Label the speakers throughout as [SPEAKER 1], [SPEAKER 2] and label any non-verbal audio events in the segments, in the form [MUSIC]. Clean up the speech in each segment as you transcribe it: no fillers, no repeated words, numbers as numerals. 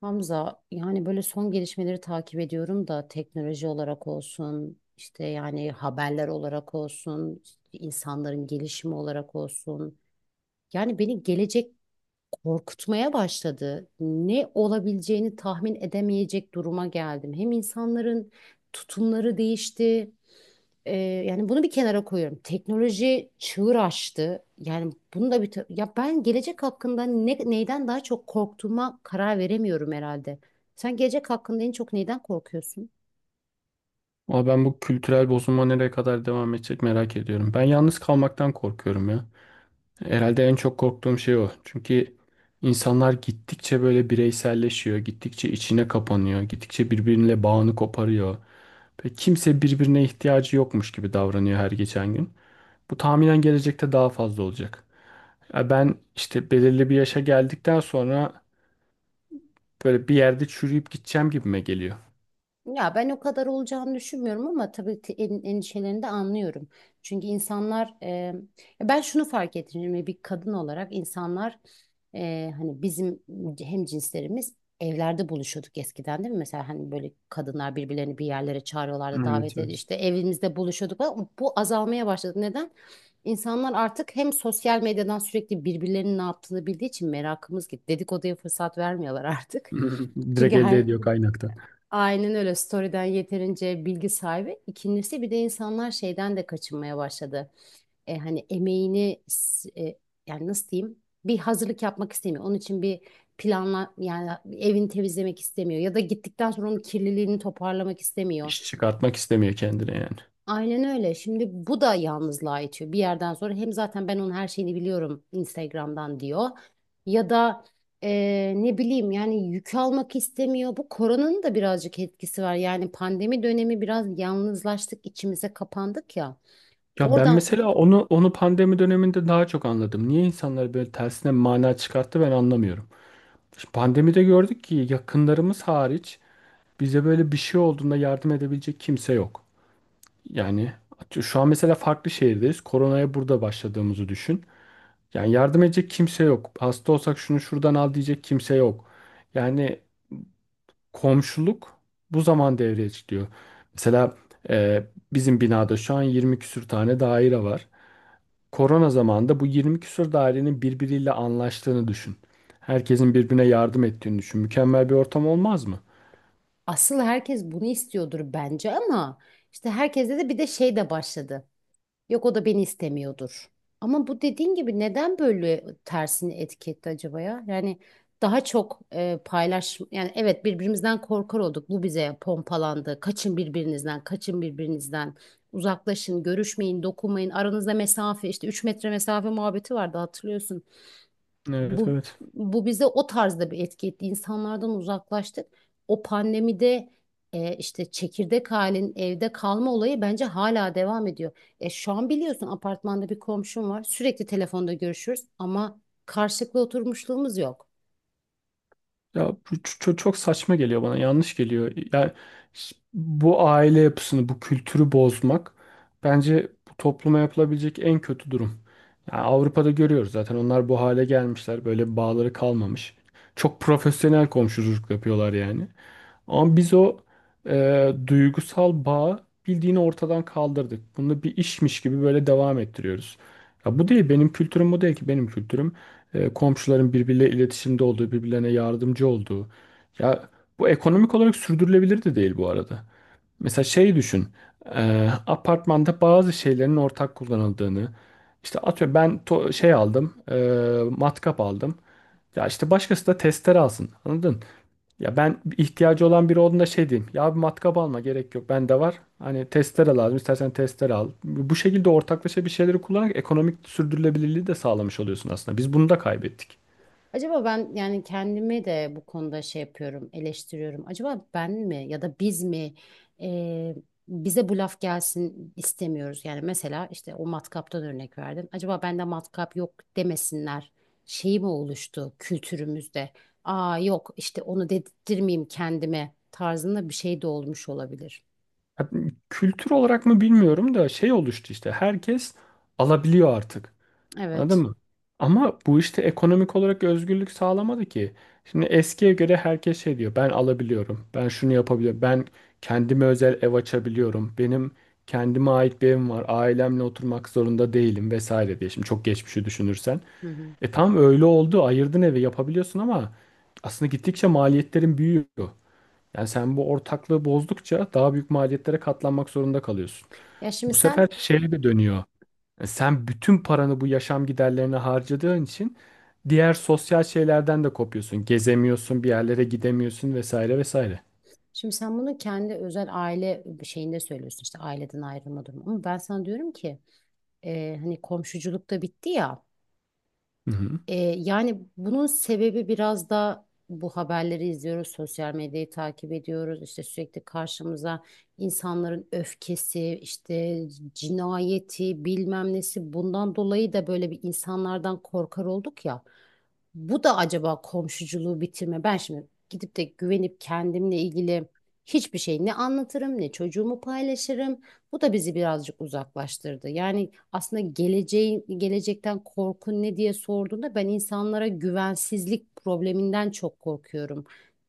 [SPEAKER 1] Hamza yani böyle son gelişmeleri takip ediyorum da teknoloji olarak olsun işte yani haberler olarak olsun işte insanların gelişimi olarak olsun yani beni gelecek korkutmaya başladı. Ne olabileceğini tahmin edemeyecek duruma geldim. Hem insanların tutumları değişti. Ee, yani bunu bir kenara koyuyorum. Teknoloji çığır açtı. Yani bunu da ya ben gelecek hakkında neyden daha çok korktuğuma karar veremiyorum herhalde. Sen gelecek hakkında en çok neyden korkuyorsun?
[SPEAKER 2] Ama ben bu kültürel bozulma nereye kadar devam edecek merak ediyorum. Ben yalnız kalmaktan korkuyorum ya. Herhalde en çok korktuğum şey o. Çünkü insanlar gittikçe böyle bireyselleşiyor, gittikçe içine kapanıyor, gittikçe birbirine bağını koparıyor. Ve kimse birbirine ihtiyacı yokmuş gibi davranıyor her geçen gün. Bu tahminen gelecekte daha fazla olacak. Ya ben işte belirli bir yaşa geldikten sonra böyle bir yerde çürüyüp gideceğim gibime geliyor.
[SPEAKER 1] Ya ben o kadar olacağını düşünmüyorum ama tabii ki endişelerini de anlıyorum. Çünkü insanlar ya ben şunu fark ettim şimdi bir kadın olarak insanlar hani bizim hem cinslerimiz evlerde buluşuyorduk eskiden değil mi? Mesela hani böyle kadınlar birbirlerini bir yerlere çağırıyorlardı,
[SPEAKER 2] Evet,
[SPEAKER 1] davet ediyor
[SPEAKER 2] evet.
[SPEAKER 1] işte evimizde buluşuyorduk ama bu azalmaya başladı. Neden? İnsanlar artık hem sosyal medyadan sürekli birbirlerinin ne yaptığını bildiği için merakımız gitti. Dedikoduya fırsat vermiyorlar artık.
[SPEAKER 2] [LAUGHS]
[SPEAKER 1] [LAUGHS]
[SPEAKER 2] Direkt
[SPEAKER 1] Çünkü
[SPEAKER 2] elde
[SPEAKER 1] her
[SPEAKER 2] ediyor kaynakta.
[SPEAKER 1] Aynen öyle. Story'den yeterince bilgi sahibi. İkincisi bir de insanlar şeyden de kaçınmaya başladı. E, hani emeğini s- e, yani nasıl diyeyim? Bir hazırlık yapmak istemiyor. Onun için bir planla yani evini temizlemek istemiyor ya da gittikten sonra onun kirliliğini toparlamak istemiyor.
[SPEAKER 2] İş çıkartmak istemiyor kendine yani.
[SPEAKER 1] Aynen öyle. Şimdi bu da yalnızlığa itiyor. Bir yerden sonra hem zaten ben onun her şeyini biliyorum Instagram'dan diyor. Ya da ne bileyim yani yük almak istemiyor. Bu koronanın da birazcık etkisi var. Yani pandemi dönemi biraz yalnızlaştık, içimize kapandık ya.
[SPEAKER 2] Ya ben
[SPEAKER 1] Oradan
[SPEAKER 2] mesela onu pandemi döneminde daha çok anladım. Niye insanlar böyle tersine mana çıkarttı ben anlamıyorum. Şimdi pandemide gördük ki yakınlarımız hariç bize böyle bir şey olduğunda yardım edebilecek kimse yok. Yani şu an mesela farklı şehirdeyiz. Koronaya burada başladığımızı düşün. Yani yardım edecek kimse yok. Hasta olsak şunu şuradan al diyecek kimse yok. Yani komşuluk bu zaman devreye çıkıyor. Mesela e, bizim binada şu an 20 küsür tane daire var. Korona zamanında bu 20 küsür dairenin birbiriyle anlaştığını düşün. Herkesin birbirine yardım ettiğini düşün. Mükemmel bir ortam olmaz mı?
[SPEAKER 1] asıl herkes bunu istiyordur bence ama işte herkeste de bir de şey de başladı. Yok o da beni istemiyordur. Ama bu dediğin gibi neden böyle tersini etiketti acaba ya? Yani daha çok paylaş yani evet birbirimizden korkar olduk. Bu bize pompalandı. Kaçın birbirinizden, kaçın birbirinizden. Uzaklaşın, görüşmeyin, dokunmayın. Aranızda mesafe işte 3 metre mesafe muhabbeti vardı hatırlıyorsun.
[SPEAKER 2] Evet,
[SPEAKER 1] Bu,
[SPEAKER 2] evet.
[SPEAKER 1] bu bize o tarzda bir etki etti. İnsanlardan uzaklaştık. O pandemide işte çekirdek halin evde kalma olayı bence hala devam ediyor. Şu an biliyorsun apartmanda bir komşum var. Sürekli telefonda görüşürüz ama karşılıklı oturmuşluğumuz yok.
[SPEAKER 2] Ya bu çok saçma geliyor bana, yanlış geliyor. Bu aile yapısını, bu kültürü bozmak bence bu topluma yapılabilecek en kötü durum. Ya Avrupa'da görüyoruz zaten onlar bu hale gelmişler, böyle bağları kalmamış. Çok profesyonel komşuluk yapıyorlar yani. Ama biz o duygusal bağı bildiğini ortadan kaldırdık. Bunu bir işmiş gibi böyle devam ettiriyoruz. Ya bu değil benim kültürüm, bu değil ki benim kültürüm, komşuların birbirleriyle iletişimde olduğu, birbirlerine yardımcı olduğu. Ya bu ekonomik olarak sürdürülebilir de değil bu arada. Mesela şey düşün. Apartmanda bazı şeylerin ortak kullanıldığını. İşte atıyorum ben şey aldım, matkap aldım. Ya işte başkası da testere alsın. Anladın? Ya ben ihtiyacı olan biri olduğunda şey diyeyim. Ya bir matkap alma gerek yok. Bende var. Hani testere lazım. İstersen testere al. Bu şekilde ortaklaşa bir şeyleri kullanarak ekonomik sürdürülebilirliği de sağlamış oluyorsun aslında. Biz bunu da kaybettik.
[SPEAKER 1] Acaba ben yani kendimi de bu konuda şey yapıyorum, eleştiriyorum. Acaba ben mi ya da biz mi e, bize bu laf gelsin istemiyoruz. Yani mesela işte o matkaptan örnek verdim. Acaba bende matkap yok demesinler. Şeyi mi oluştu kültürümüzde? Aa yok işte onu dedirtmeyeyim kendime tarzında bir şey de olmuş olabilir.
[SPEAKER 2] Ya kültür olarak mı bilmiyorum da şey oluştu işte. Herkes alabiliyor artık. Anladın
[SPEAKER 1] Evet.
[SPEAKER 2] mı? Ama bu işte ekonomik olarak özgürlük sağlamadı ki. Şimdi eskiye göre herkes şey diyor. Ben alabiliyorum. Ben şunu yapabiliyorum. Ben kendime özel ev açabiliyorum. Benim kendime ait bir evim var. Ailemle oturmak zorunda değilim vesaire diye. Şimdi çok geçmişi düşünürsen.
[SPEAKER 1] Hı hı.
[SPEAKER 2] E, tam öyle oldu. Ayırdın evi yapabiliyorsun ama aslında gittikçe maliyetlerin büyüyor. Yani sen bu ortaklığı bozdukça daha büyük maliyetlere katlanmak zorunda kalıyorsun.
[SPEAKER 1] Ya
[SPEAKER 2] Bu
[SPEAKER 1] şimdi
[SPEAKER 2] sefer
[SPEAKER 1] sen
[SPEAKER 2] şeye de dönüyor. Sen bütün paranı bu yaşam giderlerine harcadığın için diğer sosyal şeylerden de kopuyorsun. Gezemiyorsun, bir yerlere gidemiyorsun vesaire vesaire.
[SPEAKER 1] şimdi sen bunu kendi özel aile şeyinde söylüyorsun işte aileden ayrılma durumu. Ama ben sana diyorum ki hani komşuculuk da bitti ya.
[SPEAKER 2] Hı hı.
[SPEAKER 1] Yani bunun sebebi biraz da bu haberleri izliyoruz, sosyal medyayı takip ediyoruz. İşte sürekli karşımıza insanların öfkesi, işte cinayeti, bilmem nesi bundan dolayı da böyle bir insanlardan korkar olduk ya. Bu da acaba komşuculuğu bitirme. Ben şimdi gidip de güvenip kendimle ilgili hiçbir şey ne anlatırım, ne çocuğumu paylaşırım. Bu da bizi birazcık uzaklaştırdı. Yani aslında geleceğin, gelecekten korkun ne diye sorduğunda ben insanlara güvensizlik probleminden çok korkuyorum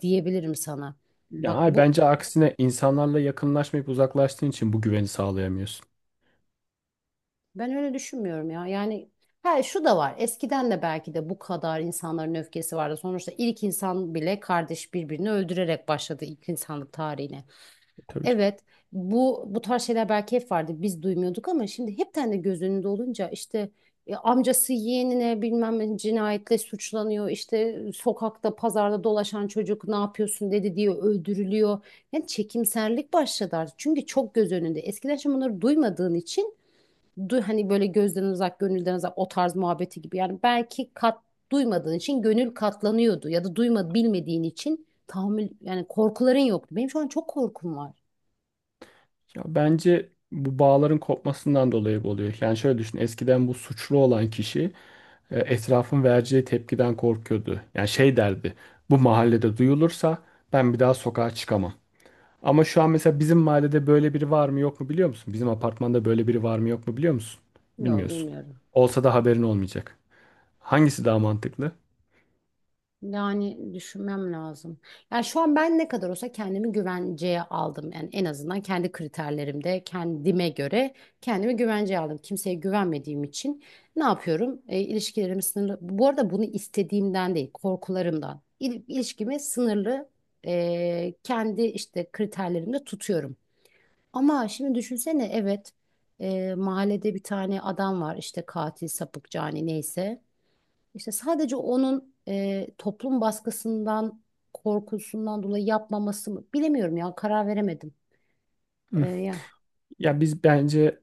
[SPEAKER 1] diyebilirim sana.
[SPEAKER 2] Ya
[SPEAKER 1] Bak
[SPEAKER 2] ay,
[SPEAKER 1] bu
[SPEAKER 2] bence aksine insanlarla yakınlaşmayıp uzaklaştığın için bu güveni sağlayamıyorsun.
[SPEAKER 1] ben öyle düşünmüyorum ya. Yani ha şu da var. Eskiden de belki de bu kadar insanların öfkesi vardı. Sonuçta ilk insan bile kardeş birbirini öldürerek başladı ilk insanlık tarihine.
[SPEAKER 2] Tabii canım.
[SPEAKER 1] Evet, bu tarz şeyler belki hep vardı. Biz duymuyorduk ama şimdi hepten de göz önünde olunca işte amcası yeğenine bilmem ne cinayetle suçlanıyor. İşte sokakta, pazarda dolaşan çocuk ne yapıyorsun dedi diyor öldürülüyor. Yani çekimserlik başladı artık. Çünkü çok göz önünde. Eskiden şimdi bunları duymadığın için hani böyle gözden uzak, gönülden uzak o tarz muhabbeti gibi. Yani belki duymadığın için gönül katlanıyordu ya da duyma bilmediğin için tahammül yani korkuların yoktu. Benim şu an çok korkum var.
[SPEAKER 2] Ya bence bu bağların kopmasından dolayı bu oluyor. Yani şöyle düşün, eskiden bu suçlu olan kişi etrafın vereceği tepkiden korkuyordu. Yani şey derdi, bu mahallede duyulursa ben bir daha sokağa çıkamam. Ama şu an mesela bizim mahallede böyle biri var mı yok mu biliyor musun? Bizim apartmanda böyle biri var mı yok mu biliyor musun?
[SPEAKER 1] Yok
[SPEAKER 2] Bilmiyorsun.
[SPEAKER 1] bilmiyorum.
[SPEAKER 2] Olsa da haberin olmayacak. Hangisi daha mantıklı?
[SPEAKER 1] Yani düşünmem lazım. Yani şu an ben ne kadar olsa kendimi güvenceye aldım. Yani en azından kendi kriterlerimde kendime göre kendimi güvenceye aldım. Kimseye güvenmediğim için ne yapıyorum? İlişkilerimi sınırlı. Bu arada bunu istediğimden değil, korkularımdan. İl, ilişkimi sınırlı kendi işte kriterlerimde tutuyorum. Ama şimdi düşünsene evet mahallede bir tane adam var işte katil, sapık, cani neyse. İşte sadece onun toplum baskısından, korkusundan dolayı yapmaması mı? Bilemiyorum ya, karar veremedim.
[SPEAKER 2] Hı.
[SPEAKER 1] E, ya
[SPEAKER 2] Ya biz bence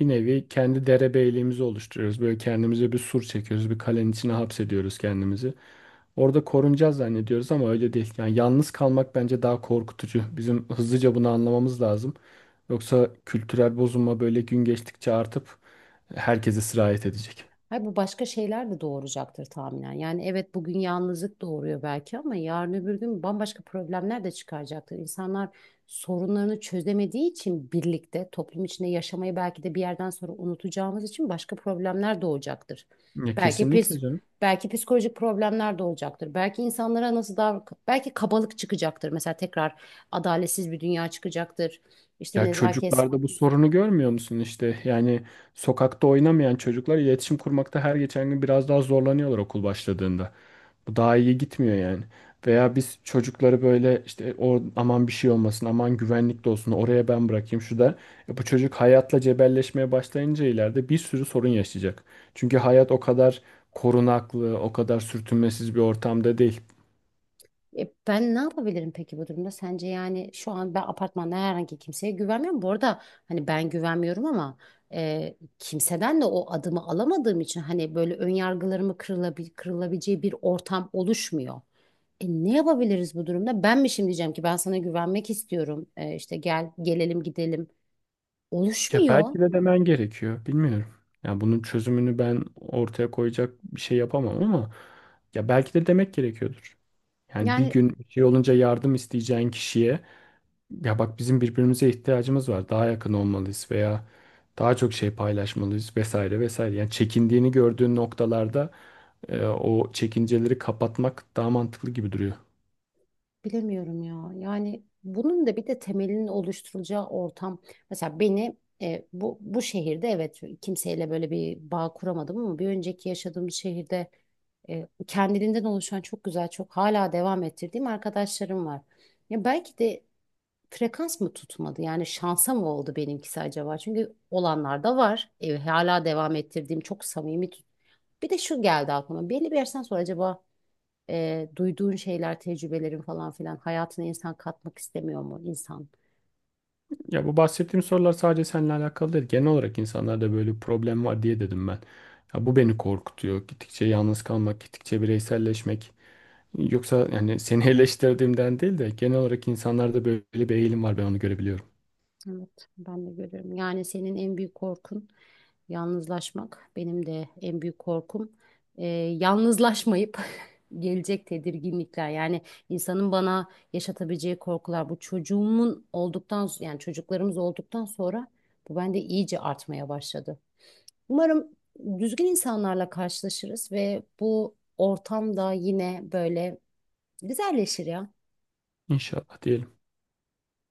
[SPEAKER 2] bir nevi kendi derebeyliğimizi oluşturuyoruz. Böyle kendimize bir sur çekiyoruz. Bir kalenin içine hapsediyoruz kendimizi. Orada korunacağız zannediyoruz ama öyle değil. Yani yalnız kalmak bence daha korkutucu. Bizim hızlıca bunu anlamamız lazım. Yoksa kültürel bozulma böyle gün geçtikçe artıp herkese sirayet edecek.
[SPEAKER 1] Hayır, bu başka şeyler de doğuracaktır tahminen. Yani evet bugün yalnızlık doğuruyor belki ama yarın öbür gün bambaşka problemler de çıkaracaktır. İnsanlar sorunlarını çözemediği için birlikte toplum içinde yaşamayı belki de bir yerden sonra unutacağımız için başka problemler doğacaktır.
[SPEAKER 2] Ya
[SPEAKER 1] Belki pis,
[SPEAKER 2] kesinlikle canım.
[SPEAKER 1] belki psikolojik problemler doğacaktır. Belki insanlara belki kabalık çıkacaktır. Mesela tekrar adaletsiz bir dünya çıkacaktır. İşte
[SPEAKER 2] Ya
[SPEAKER 1] nezaket
[SPEAKER 2] çocuklarda bu sorunu görmüyor musun işte? Yani sokakta oynamayan çocuklar iletişim kurmakta her geçen gün biraz daha zorlanıyorlar okul başladığında. Bu daha iyi gitmiyor yani. Veya biz çocukları böyle işte o aman bir şey olmasın, aman güvenlikte olsun, oraya ben bırakayım şu da. E, bu çocuk hayatla cebelleşmeye başlayınca ileride bir sürü sorun yaşayacak. Çünkü hayat o kadar korunaklı, o kadar sürtünmesiz bir ortamda değil.
[SPEAKER 1] Ben ne yapabilirim peki bu durumda? Sence yani şu an ben apartmanda herhangi kimseye güvenmiyorum. Bu arada hani ben güvenmiyorum ama kimseden de o adımı alamadığım için hani böyle ön yargılarımı kırılabileceği bir ortam oluşmuyor. Ne yapabiliriz bu durumda? Ben mi şimdi diyeceğim ki ben sana güvenmek istiyorum. İşte gel gelelim gidelim.
[SPEAKER 2] Ya
[SPEAKER 1] Oluşmuyor.
[SPEAKER 2] belki de demen gerekiyor. Bilmiyorum. Ya bunun çözümünü ben ortaya koyacak bir şey yapamam ama ya belki de demek gerekiyordur. Yani bir
[SPEAKER 1] Yani,
[SPEAKER 2] gün bir şey olunca yardım isteyeceğin kişiye ya bak bizim birbirimize ihtiyacımız var. Daha yakın olmalıyız veya daha çok şey paylaşmalıyız vesaire vesaire. Yani çekindiğini gördüğün noktalarda o çekinceleri kapatmak daha mantıklı gibi duruyor.
[SPEAKER 1] bilemiyorum ya. Yani bunun da bir de temelinin oluşturulacağı ortam. Mesela bu şehirde evet kimseyle böyle bir bağ kuramadım ama bir önceki yaşadığım şehirde kendiliğinden oluşan çok güzel, çok hala devam ettirdiğim arkadaşlarım var. Ya belki de frekans mı tutmadı? Yani şansa mı oldu benimkisi acaba? Çünkü olanlar da var. Hala devam ettirdiğim çok samimi. Bir de şu geldi aklıma. Belli bir yaştan sonra acaba duyduğun şeyler, tecrübelerin falan filan hayatına insan katmak istemiyor mu insan?
[SPEAKER 2] Ya bu bahsettiğim sorular sadece seninle alakalı değil. Genel olarak insanlarda böyle bir problem var diye dedim ben. Ya bu beni korkutuyor. Gittikçe yalnız kalmak, gittikçe bireyselleşmek. Yoksa yani seni [LAUGHS] eleştirdiğimden değil de genel olarak insanlarda böyle bir eğilim var, ben onu görebiliyorum.
[SPEAKER 1] Evet. Ben de görüyorum. Yani senin en büyük korkun yalnızlaşmak. Benim de en büyük korkum e, yalnızlaşmayıp [LAUGHS] gelecek tedirginlikler. Yani insanın bana yaşatabileceği korkular. Bu çocuğumun olduktan yani çocuklarımız olduktan sonra bu bende iyice artmaya başladı. Umarım düzgün insanlarla karşılaşırız ve bu ortam da yine böyle güzelleşir ya.
[SPEAKER 2] İnşallah diyelim.